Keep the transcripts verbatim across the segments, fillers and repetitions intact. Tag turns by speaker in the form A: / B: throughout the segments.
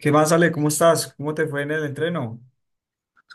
A: ¿Qué más, Ale? ¿Cómo estás? ¿Cómo te fue en el entreno?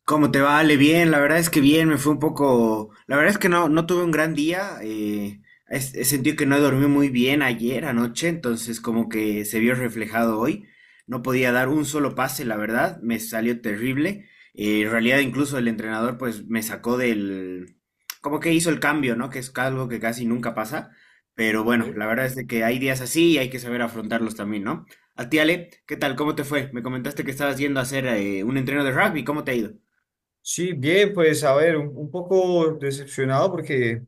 B: ¿Cómo te va, vale? Bien, la verdad es que bien, me fue un poco, la verdad es que no, no tuve un gran día, eh, es- he sentido que no dormí muy bien ayer anoche, entonces como que se vio reflejado hoy, no podía dar un solo pase, la verdad, me salió terrible, eh, en realidad incluso el entrenador pues me sacó del, como que hizo el cambio, ¿no? Que es algo que casi nunca pasa, pero bueno, la verdad es de que hay días así y hay que saber afrontarlos también, ¿no? A ti, Ale, ¿qué tal? ¿Cómo te fue? Me comentaste que estabas yendo a hacer eh, un entreno de rugby, ¿cómo te ha ido?
A: Sí, bien, pues a ver, un, un poco decepcionado porque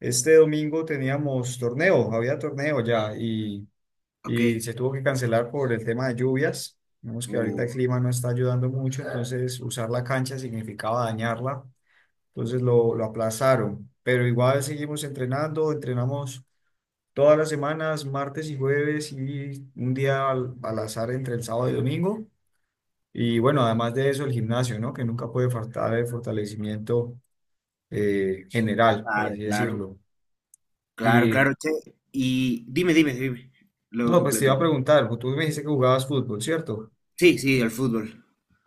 A: este domingo teníamos torneo, había torneo ya y,
B: Ok.
A: y se tuvo que cancelar por el tema de lluvias. Vemos que ahorita
B: Uh,
A: el clima no está ayudando mucho, entonces usar la cancha significaba dañarla, entonces lo, lo aplazaron. Pero igual seguimos entrenando, entrenamos todas las semanas, martes y jueves y un día al, al azar entre el sábado y domingo. Y bueno, además de eso, el gimnasio, ¿no? Que nunca puede faltar el fortalecimiento eh, general, por
B: claro,
A: así
B: claro.
A: decirlo.
B: Claro,
A: Y
B: claro, che. Y dime, dime, dime. Luego
A: no, pues te iba
B: completo.
A: a preguntar, pues, tú me dijiste que jugabas fútbol, ¿cierto?
B: Sí, sí, el fútbol.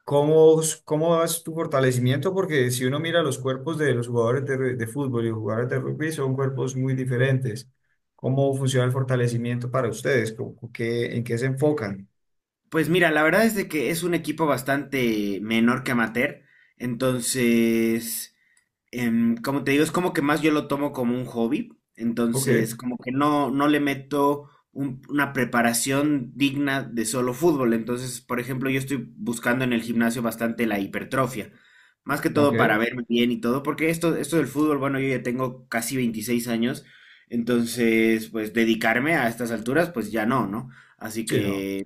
A: ¿Cómo, cómo es tu fortalecimiento? Porque si uno mira los cuerpos de los jugadores de, ru- de fútbol y los jugadores de rugby, son cuerpos muy diferentes. ¿Cómo funciona el fortalecimiento para ustedes? ¿Cómo- qué- en qué se enfocan?
B: Pues mira, la verdad es de que es un equipo bastante menor que amateur. Entonces, em, como te digo, es como que más yo lo tomo como un hobby,
A: Ok,
B: entonces como que no, no le meto un- una preparación digna de solo fútbol. Entonces, por ejemplo, yo estoy buscando en el gimnasio bastante la hipertrofia, más que
A: ok,
B: todo para verme bien y todo, porque esto, esto del fútbol, bueno, yo ya tengo casi veintiséis años, entonces pues dedicarme a estas alturas, pues ya no, ¿no? Así
A: sí, no.
B: que,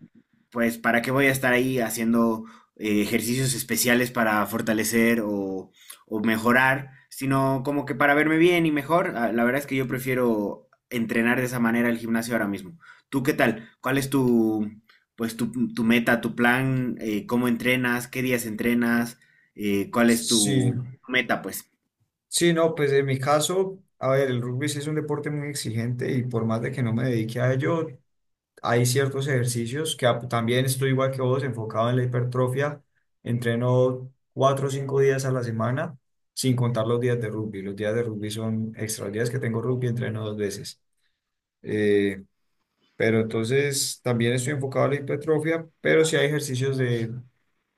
B: pues, ¿para qué voy a estar ahí haciendo eh, ejercicios especiales para fortalecer o o mejorar, sino como que para verme bien y mejor. Ah, la verdad es que yo prefiero entrenar de esa manera el gimnasio ahora mismo. ¿Tú qué tal? ¿Cuál es tu, pues, tu, tu meta, tu plan? Eh, ¿cómo entrenas? ¿Qué días entrenas? Eh, ¿cuál es
A: Sí.
B: tu meta, pues?
A: Sí, no, pues en mi caso, a ver, el rugby sí es un deporte muy exigente y por más de que no me dedique a ello, hay ciertos ejercicios que ap- también estoy igual que vos, enfocado en la hipertrofia. Entreno cuatro o cinco días a la semana, sin contar los días de rugby. Los días de rugby son extra. Los días que tengo rugby entreno dos veces. Eh, pero entonces también estoy enfocado en la hipertrofia, pero sí hay ejercicios de,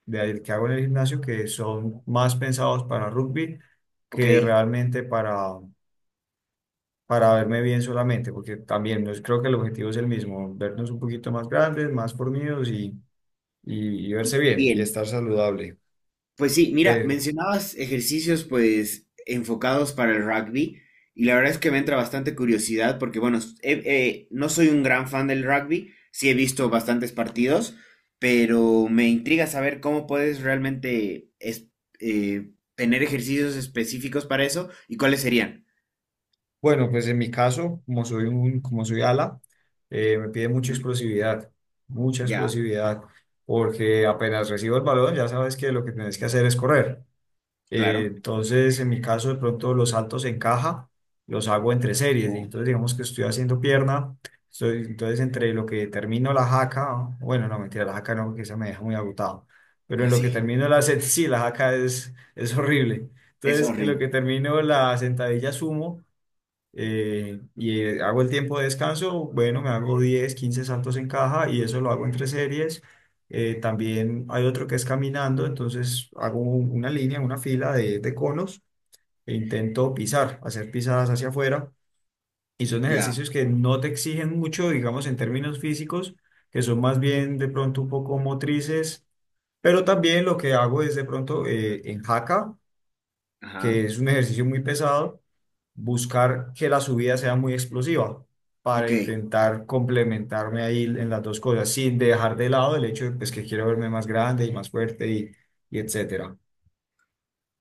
A: de que hago en el gimnasio que son más pensados para rugby
B: Ok,
A: que
B: y
A: realmente para para verme bien solamente, porque también nos- creo que el objetivo es el mismo, vernos un poquito más grandes, más fornidos y, y, y verse
B: y
A: bien y
B: bien.
A: estar saludable.
B: Pues sí, mira,
A: Pero,
B: mencionabas ejercicios pues enfocados para el rugby y la verdad es que me entra bastante curiosidad porque bueno, s- he- eh, no soy un gran fan del rugby, sí he visto bastantes partidos, pero me intriga saber cómo puedes realmente es- eh, tener ejercicios específicos para eso y cuáles serían.
A: bueno, pues en mi caso, como soy un, como soy ala, eh, me pide mucha
B: Ujú.
A: explosividad, mucha
B: Ya,
A: explosividad, porque apenas recibo el balón, ya sabes que lo que tienes que hacer es correr. Eh,
B: claro.
A: entonces, en mi caso, de pronto los saltos en caja los hago entre series. Y
B: Wow.
A: entonces, digamos que estoy haciendo pierna. Estoy, entonces, entre lo que termino la jaca, bueno, no, mentira, la jaca no, que esa me deja muy agotado. Pero en lo
B: Así,
A: que termino la set, sí, la jaca es, es horrible.
B: es
A: Entonces, en lo que
B: horrible.
A: termino la sentadilla sumo, eh, y eh, hago el tiempo de descanso, bueno, me hago diez quince saltos en caja y eso lo hago entre series. Eh, también hay otro que es caminando, entonces hago un- una línea, una fila de, de conos e intento pisar, hacer pisadas hacia afuera. Y son
B: Ya,
A: ejercicios que no te exigen mucho, digamos, en términos físicos, que son más bien de pronto un poco motrices, pero también lo que hago es de pronto eh, en jaca que
B: ajá,
A: es un ejercicio muy pesado, buscar que la subida sea muy explosiva para
B: ok.
A: intentar complementarme ahí en las dos cosas, sin dejar de lado el hecho de pues, que quiero verme más grande y más fuerte y, y etcétera.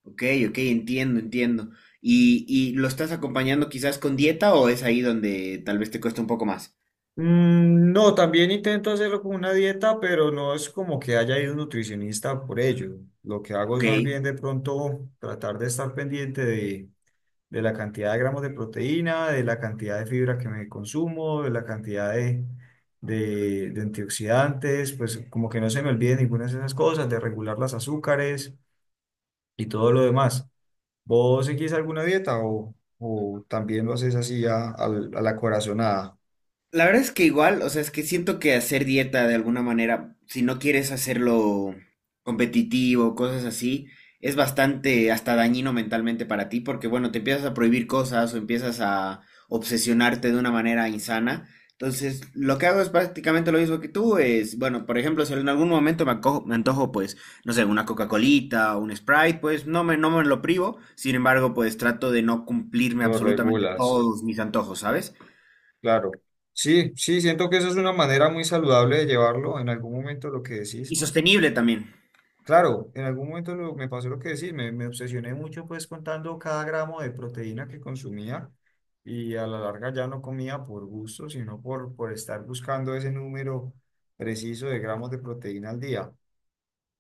B: Ok, ok, entiendo, entiendo. ¿Y, y lo estás acompañando quizás con dieta o es ahí donde tal vez te cuesta un poco más?
A: Mm, No, también intento hacerlo con una dieta, pero no es como que haya ido un nutricionista por ello. Lo que hago es
B: Ok.
A: más bien de pronto tratar de estar pendiente de de la cantidad de gramos de proteína, de la cantidad de fibra que me consumo, de la cantidad de, de, de antioxidantes, pues como que no se me olvide ninguna de esas cosas, de regular las azúcares y todo lo demás. ¿Vos seguís alguna dieta o, o también lo haces así a, al- a la corazonada?
B: La verdad es que igual, o sea, es que siento que hacer dieta de alguna manera, si no quieres hacerlo competitivo, cosas así, es bastante hasta dañino mentalmente para ti, porque bueno, te empiezas a prohibir cosas o empiezas a obsesionarte de una manera insana. Entonces, lo que hago es prácticamente lo mismo que tú, es, bueno, por ejemplo, si en algún momento me ancojo, me antojo, pues, no sé, una Coca-Colita o un Sprite, pues no me, no me lo privo, sin embargo, pues trato de no cumplirme
A: Lo
B: absolutamente
A: regulas.
B: todos mis antojos, ¿sabes?
A: Claro. Sí, sí, siento que eso es una manera muy saludable de llevarlo en algún momento lo que
B: Y
A: decís.
B: sostenible también.
A: Claro, en algún momento lo- me pasó lo que decís, me, me obsesioné mucho pues contando cada gramo de proteína que consumía y a la larga ya no comía por gusto, sino por, por estar buscando ese número preciso de gramos de proteína al día.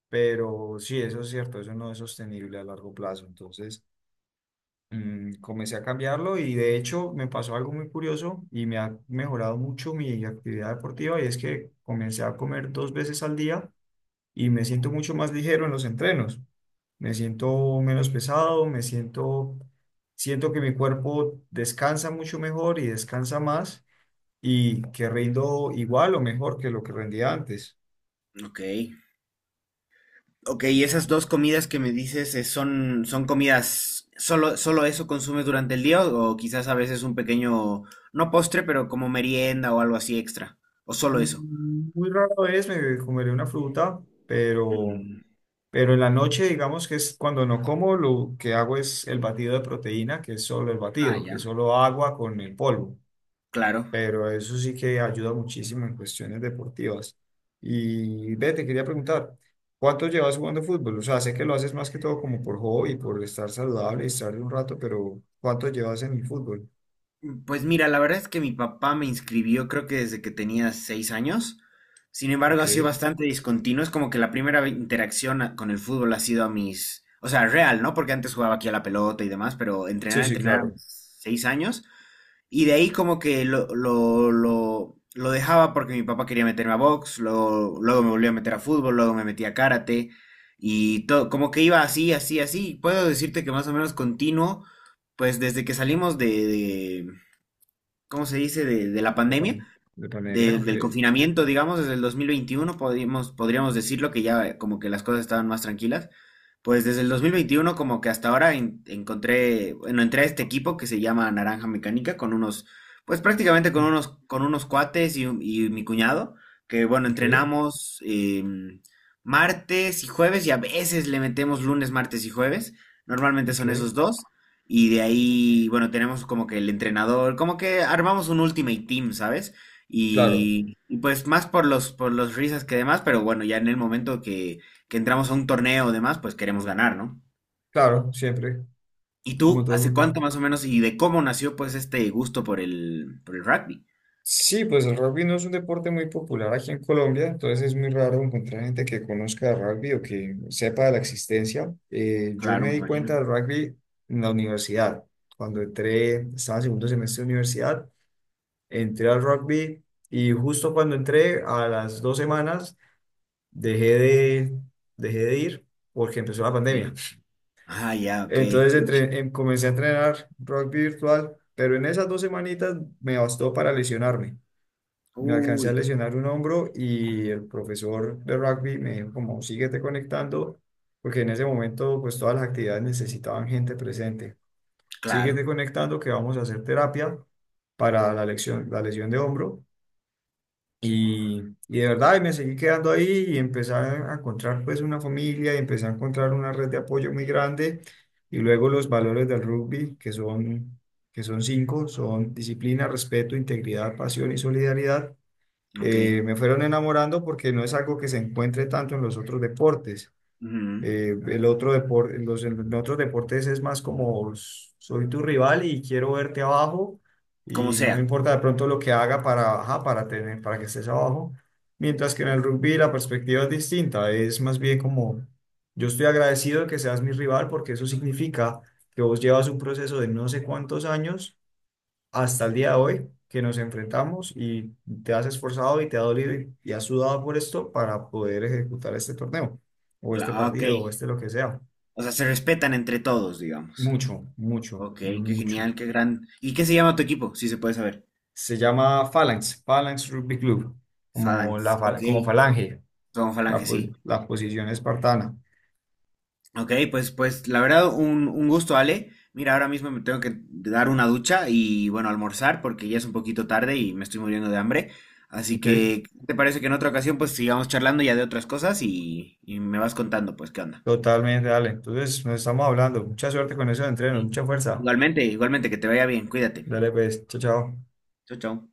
A: Pero sí, eso es cierto, eso no es sostenible a largo plazo. Entonces mm, comencé a cambiarlo y de hecho me pasó algo muy curioso y me ha mejorado mucho mi actividad deportiva y es que comencé a comer dos veces al día y me siento mucho más ligero en los entrenos. Me siento menos pesado, me siento, siento que mi cuerpo descansa mucho mejor y descansa más y que rindo igual o mejor que lo que rendía antes.
B: Ok. Ok, y esas dos comidas que me dices eh, son, son comidas, solo, solo eso consumes durante el día o, o quizás a veces un pequeño, no postre, pero como merienda o algo así extra, o solo eso.
A: Mm, Muy rara vez me comeré una fruta, pero,
B: Mm.
A: pero en la noche, digamos que es cuando no como, lo que hago es el batido de proteína, que es solo el
B: Ah,
A: batido, que
B: ya,
A: es solo agua con el polvo.
B: claro.
A: Pero eso sí que ayuda muchísimo en cuestiones deportivas. Y ve, te quería preguntar, ¿cuánto llevas jugando fútbol? O sea, sé que lo haces más que todo como por hobby, por estar saludable y estar un rato, pero ¿cuánto llevas en el fútbol?
B: Mm, Pues mira, la verdad es que mi papá me inscribió creo que desde que tenía seis años. Sin embargo, ha sido
A: Ok.
B: bastante discontinuo. Es como que la primera ve- interacción a- con el fútbol ha sido a mis, o sea, real, ¿no? Porque antes jugaba aquí a la pelota y demás, pero
A: Sí,
B: entrenar,
A: sí,
B: entrenar a mis
A: claro.
B: seis años. Y de ahí como que lo, lo, lo, lo dejaba porque mi papá quería meterme a box, luego, luego me volvió a meter a fútbol, luego me metí a karate y todo, como que iba así, así, así. Puedo decirte que más o menos continuo, pues desde que salimos de, de- ¿cómo se dice?, de, de la
A: De,
B: pandemia,
A: pan- de pandemia,
B: de-
A: ok.
B: del confinamiento, digamos, desde el dos mil veintiuno podríamos, podríamos decirlo que ya como que las cosas estaban más tranquilas. Pues desde el dos mil veintiuno como que hasta ahora en- encontré, bueno, entré a este equipo que se llama Naranja Mecánica con unos, pues prácticamente con unos, con unos cuates y, un- y mi cuñado, que bueno,
A: Ok,
B: entrenamos em, martes y jueves y a veces le metemos lunes, martes y jueves. Normalmente son
A: ok.
B: esos dos. Y de ahí, bueno, tenemos como que el entrenador, como que armamos un ultimate team, ¿sabes?
A: Claro,
B: Y, y pues más por los, por los risas que demás, pero bueno, ya en el momento que, que entramos a un torneo o demás, pues queremos ganar, ¿no?
A: claro, siempre,
B: ¿Y
A: como
B: tú,
A: todo el
B: hace
A: mundo.
B: cuánto más o menos y de cómo nació pues este gusto por el, por el rugby?
A: Sí, pues el rugby no es un deporte muy popular aquí en Colombia, entonces es muy raro encontrar gente que conozca el rugby o que sepa de la existencia. Eh, yo
B: Claro,
A: me
B: me
A: di cuenta
B: imagino.
A: del rugby en la universidad. Cuando entré, estaba en segundo semestre de universidad, entré al rugby y justo cuando entré, a las dos semanas, dejé de, dejé de ir porque empezó la
B: Ok.
A: pandemia.
B: Ah, ya, ok.
A: Entonces
B: Pucha.
A: entre- em- comencé a entrenar rugby virtual, pero en esas dos semanitas me bastó para lesionarme. Me alcancé a
B: Uy,
A: lesionar un hombro y el profesor de rugby me dijo como síguete conectando, porque en ese momento pues todas las actividades necesitaban gente presente.
B: claro,
A: Síguete conectando que vamos a hacer terapia para la lesión, la lesión de hombro. Y, y de verdad, y me seguí quedando ahí y empecé a encontrar pues una familia y empecé a encontrar una red de apoyo muy grande. Y luego los valores del rugby, que son, que son cinco, son disciplina, respeto, integridad, pasión y solidaridad,
B: ok.
A: eh, me fueron enamorando porque no es algo que se encuentre tanto en los otros deportes.
B: Ujú.
A: Eh, el otro depor- los, en otros deportes es más como s- soy tu rival y quiero verte abajo
B: Como
A: y no me
B: sea.
A: importa de pronto lo que haga para, ajá, para tener, para que estés abajo. Mientras que en el rugby la perspectiva es distinta, es más bien como yo estoy agradecido de que seas mi rival porque eso significa que vos llevas un proceso de no sé cuántos años hasta el día de hoy que nos enfrentamos y te has esforzado y te ha dolido y, y has sudado por esto para poder ejecutar este torneo o
B: Cla-
A: este
B: ah, ok.
A: partido o este lo que sea.
B: O sea, se respetan entre todos, digamos.
A: Mucho, mucho,
B: Ok, qué
A: mucho.
B: genial, qué gran. ¿Y qué se llama tu equipo? Si se puede saber.
A: Se llama Phalanx, Phalanx Rugby Club, como la
B: Phalanx,
A: fal-
B: ok.
A: como falange,
B: Somos
A: la,
B: Falange,
A: po-
B: sí.
A: la posición espartana.
B: Ok, pues, pues la verdad un, un gusto, Ale. Mira, ahora mismo me tengo que dar una ducha y bueno, almorzar porque ya es un poquito tarde y me estoy muriendo de hambre. Así
A: Ok,
B: que, ¿qué ¿te parece que en otra ocasión pues sigamos charlando ya de otras cosas y, y me vas contando pues qué onda?
A: totalmente, dale. Entonces, nos estamos hablando. Mucha suerte con esos entrenos,
B: Sí.
A: mucha fuerza.
B: Igualmente, igualmente, que te vaya bien, cuídate.
A: Dale pues, chao, chao.
B: Chau, chau.